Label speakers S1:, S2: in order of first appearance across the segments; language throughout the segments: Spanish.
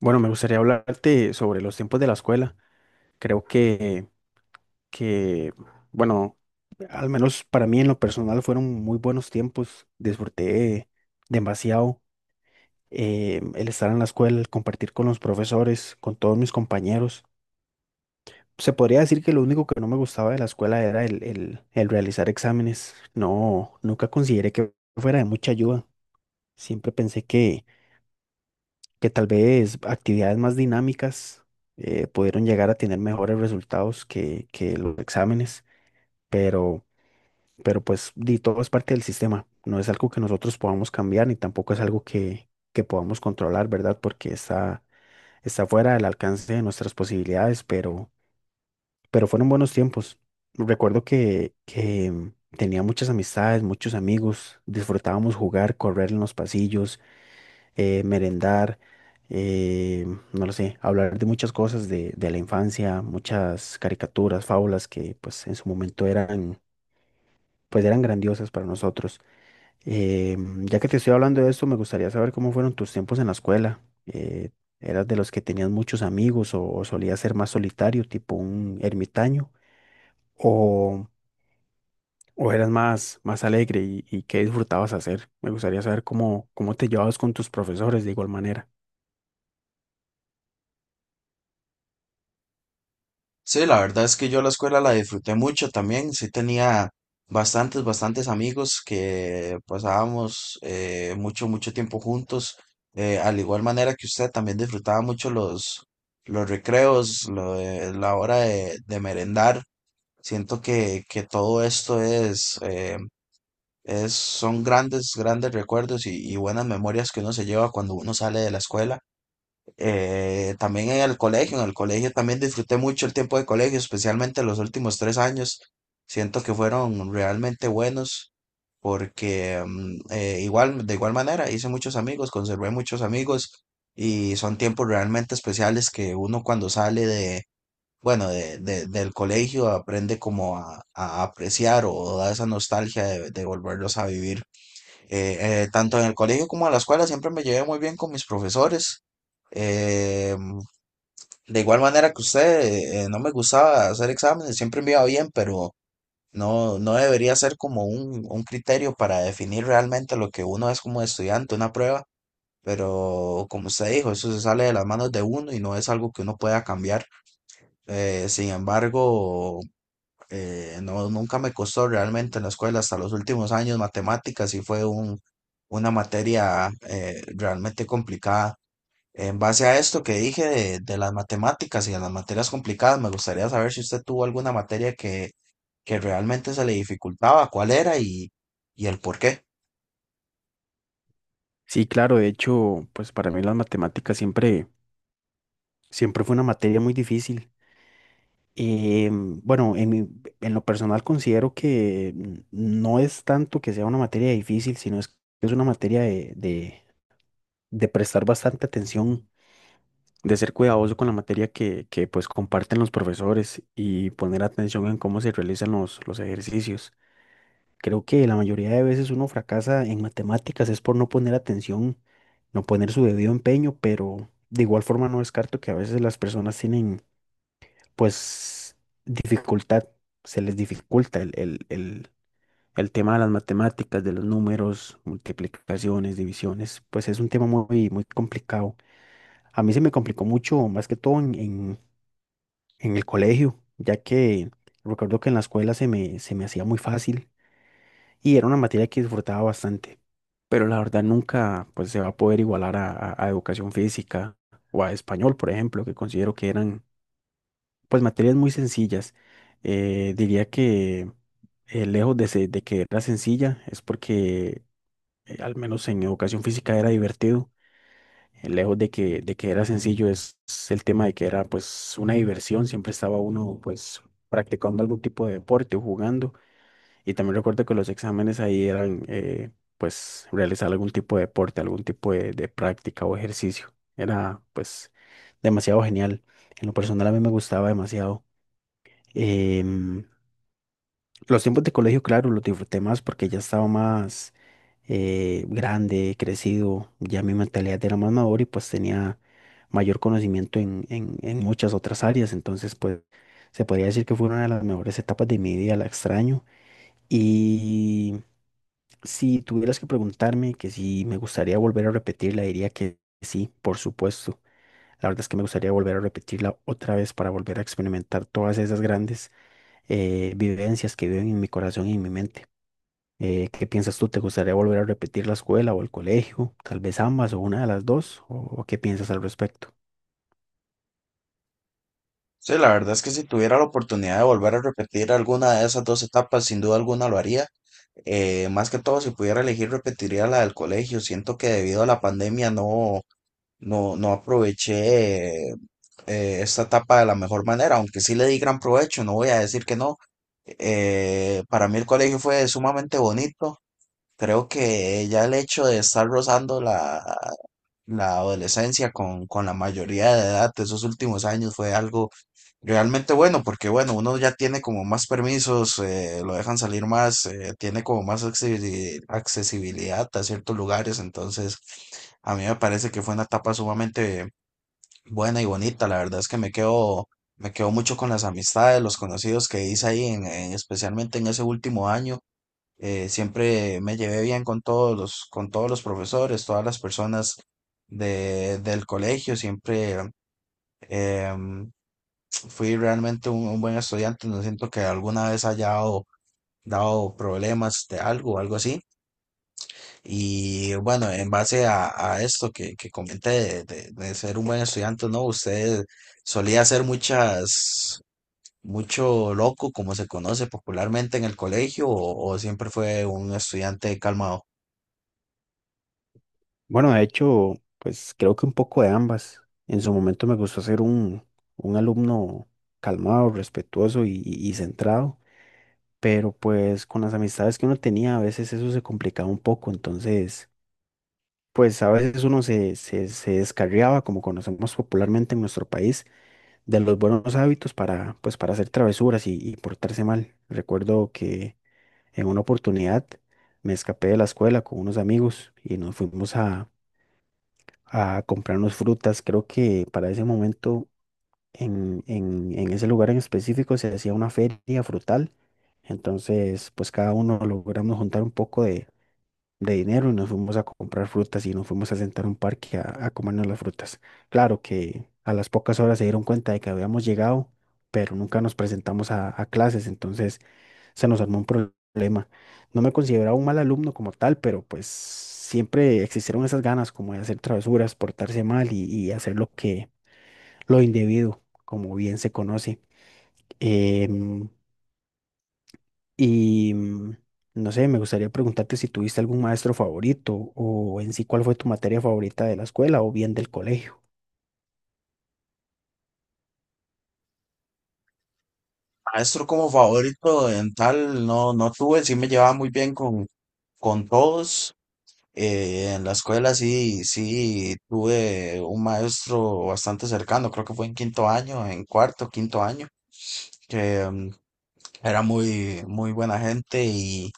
S1: Bueno, me gustaría hablarte sobre los tiempos de la escuela. Creo que, bueno, al menos para mí en lo personal fueron muy buenos tiempos. Disfruté demasiado el estar en la escuela, el compartir con los profesores, con todos mis compañeros. Se podría decir que lo único que no me gustaba de la escuela era el realizar exámenes. No, nunca consideré que fuera de mucha ayuda. Siempre pensé que tal vez actividades más dinámicas pudieron llegar a tener mejores resultados que los exámenes, pero, pero pues di, todo es parte del sistema, no es algo que nosotros podamos cambiar ni tampoco es algo que podamos controlar, ¿verdad? Porque está fuera del alcance de nuestras posibilidades, pero fueron buenos tiempos. Recuerdo que tenía muchas amistades, muchos amigos, disfrutábamos jugar, correr en los pasillos, merendar, eh, no lo sé, hablar de muchas cosas de la infancia, muchas caricaturas, fábulas que pues en su momento pues eran grandiosas para nosotros. Eh, ya que te estoy hablando de esto, me gustaría saber cómo fueron tus tiempos en la escuela. Eh, ¿Eras de los que tenías muchos amigos o solías ser más solitario, tipo un ermitaño? ¿O, o eras más alegre y qué disfrutabas hacer? Me gustaría saber cómo te llevabas con tus profesores de igual manera.
S2: Sí, la verdad es que yo la escuela la disfruté mucho también. Sí tenía bastantes amigos que pasábamos mucho tiempo juntos. Al igual manera que usted también disfrutaba mucho los recreos, la hora de merendar. Siento que todo esto es, son grandes recuerdos y buenas memorias que uno se lleva cuando uno sale de la escuela. También en el colegio también disfruté mucho el tiempo de colegio, especialmente los últimos 3 años. Siento que fueron realmente buenos porque igual, de igual manera hice muchos amigos, conservé muchos amigos y son tiempos realmente especiales que uno cuando sale de, bueno, del colegio aprende como a apreciar o da esa nostalgia de volverlos a vivir. Tanto en el colegio como en la escuela siempre me llevé muy bien con mis profesores. Eh, de igual manera que usted, no me gustaba hacer exámenes, siempre me iba bien, pero no debería ser como un criterio para definir realmente lo que uno es como estudiante, una prueba. Pero como usted dijo, eso se sale de las manos de uno y no es algo que uno pueda cambiar. Sin embargo, no, nunca me costó realmente en la escuela hasta los últimos años. Matemáticas y fue un, una materia realmente complicada. En base a esto que dije de las matemáticas y de las materias complicadas, me gustaría saber si usted tuvo alguna materia que realmente se le dificultaba, cuál era y el por qué.
S1: Sí, claro, de hecho, pues para mí las matemáticas siempre fue una materia muy difícil. Bueno, en lo personal considero que no es tanto que sea una materia difícil, sino es que es una materia de prestar bastante atención, de ser cuidadoso con la materia que pues comparten los profesores y poner atención en cómo se realizan los ejercicios. Creo que la mayoría de veces uno fracasa en matemáticas es por no poner atención, no poner su debido empeño, pero de igual forma no descarto que a veces las personas tienen pues dificultad, se les dificulta el tema de las matemáticas, de los números, multiplicaciones, divisiones, pues es un tema muy, muy complicado. A mí se me complicó mucho, más que todo en el colegio, ya que recuerdo que en la escuela se me hacía muy fácil y era una materia que disfrutaba bastante, pero la verdad nunca pues se va a poder igualar a educación física o a español, por ejemplo, que considero que eran pues materias muy sencillas. Diría que lejos de que era sencilla, es porque al menos en educación física era divertido. Lejos de de que era sencillo, es el tema de que era pues una diversión, siempre estaba uno pues practicando algún tipo de deporte o jugando. Y también recuerdo que los exámenes ahí pues realizar algún tipo de deporte, algún tipo de práctica o ejercicio. Era pues demasiado genial. En lo personal a mí me gustaba demasiado. Em, los tiempos de colegio, claro, los disfruté más porque ya estaba más grande, crecido, ya mi mentalidad era más madura y pues tenía mayor conocimiento en muchas otras áreas. Entonces, pues, se podría decir que fue una de las mejores etapas de mi vida, la extraño. Y si tuvieras que preguntarme que si me gustaría volver a repetirla, diría que sí, por supuesto. La verdad es que me gustaría volver a repetirla otra vez para volver a experimentar todas esas grandes vivencias que viven en mi corazón y en mi mente. ¿Qué piensas tú? ¿Te gustaría volver a repetir la escuela o el colegio? Tal vez ambas o una de las dos. O qué piensas al respecto?
S2: Sí, la verdad es que si tuviera la oportunidad de volver a repetir alguna de esas dos etapas, sin duda alguna lo haría. Más que todo, si pudiera elegir, repetiría la del colegio. Siento que debido a la pandemia no, no aproveché esta etapa de la mejor manera, aunque sí le di gran provecho, no voy a decir que no. Para mí el colegio fue sumamente bonito. Creo que ya el hecho de estar rozando la adolescencia con la mayoría de edad de esos últimos años fue algo realmente bueno, porque bueno, uno ya tiene como más permisos, lo dejan salir más, tiene como más accesibilidad a ciertos lugares, entonces a mí me parece que fue una etapa sumamente buena y bonita, la verdad es que me quedo mucho con las amistades, los conocidos que hice ahí, especialmente en ese último año. Siempre me llevé bien con todos con todos los profesores, todas las personas del colegio. Siempre em, fui realmente un buen estudiante. No siento que alguna vez haya dado problemas de algo o algo así. Y bueno, en base a esto que comenté de ser un buen estudiante, ¿no? Usted solía hacer mucho loco, como se conoce popularmente en el colegio, o siempre fue un estudiante calmado.
S1: Bueno, de hecho, pues creo que un poco de ambas. En su momento me gustó ser un alumno calmado, respetuoso y centrado. Pero pues con las amistades que uno tenía a veces eso se complicaba un poco, entonces pues a veces uno se descarriaba, como conocemos popularmente en nuestro país, de los buenos hábitos para pues para hacer travesuras y portarse mal. Recuerdo que en una oportunidad me escapé de la escuela con unos amigos y nos fuimos a comprarnos frutas, creo que para ese momento en ese lugar en específico se hacía una feria frutal. Entonces, pues cada uno logramos juntar un poco de dinero y nos fuimos a comprar frutas y nos fuimos a sentar a un parque a comernos las frutas. Claro que a las pocas horas se dieron cuenta de que habíamos llegado, pero nunca nos presentamos a clases, entonces se nos armó un problema. No me consideraba un mal alumno como tal, pero pues siempre existieron esas ganas como de hacer travesuras, portarse mal y hacer lo que lo individuo, como bien se conoce. Em, y mm, no sé, me gustaría preguntarte si tuviste algún maestro favorito o en sí cuál fue tu materia favorita de la escuela o bien del colegio.
S2: Maestro como favorito en tal, no, no tuve, sí me llevaba muy bien con todos. En la escuela sí, sí tuve un maestro bastante cercano, creo que fue en quinto año, en cuarto, quinto año que era muy buena gente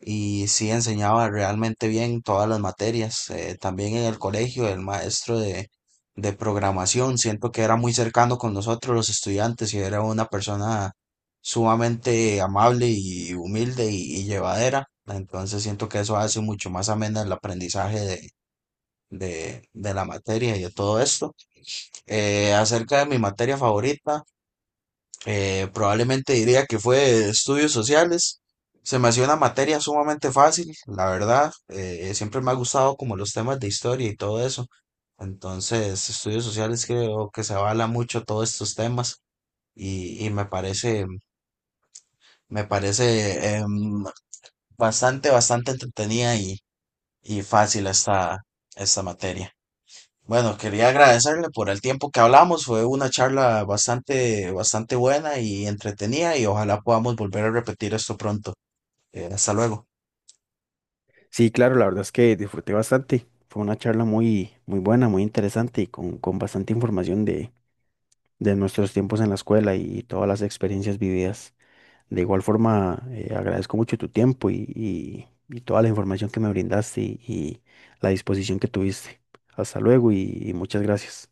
S2: y sí enseñaba realmente bien todas las materias. También en el colegio, el maestro de programación, siento que era muy cercano con nosotros los estudiantes y era una persona sumamente amable y humilde y llevadera. Entonces siento que eso hace mucho más amena el aprendizaje de, de la materia y de todo esto. Acerca de mi materia favorita. Probablemente diría que fue estudios sociales. Se me hacía una materia sumamente fácil, la verdad. Siempre me ha gustado como los temas de historia y todo eso. Entonces, estudios sociales creo que se avala mucho todos estos temas y me parece bastante, bastante entretenida y fácil esta, esta materia. Bueno, quería agradecerle por el tiempo que hablamos. Fue una charla bastante, bastante buena y entretenida y ojalá podamos volver a repetir esto pronto. Hasta luego.
S1: Sí, claro, la verdad es que disfruté bastante. Fue una charla muy, muy buena, muy interesante y con bastante información de nuestros tiempos en la escuela y todas las experiencias vividas. De igual forma, agradezco mucho tu tiempo y toda la información que me brindaste y la disposición que tuviste. Hasta luego y muchas gracias.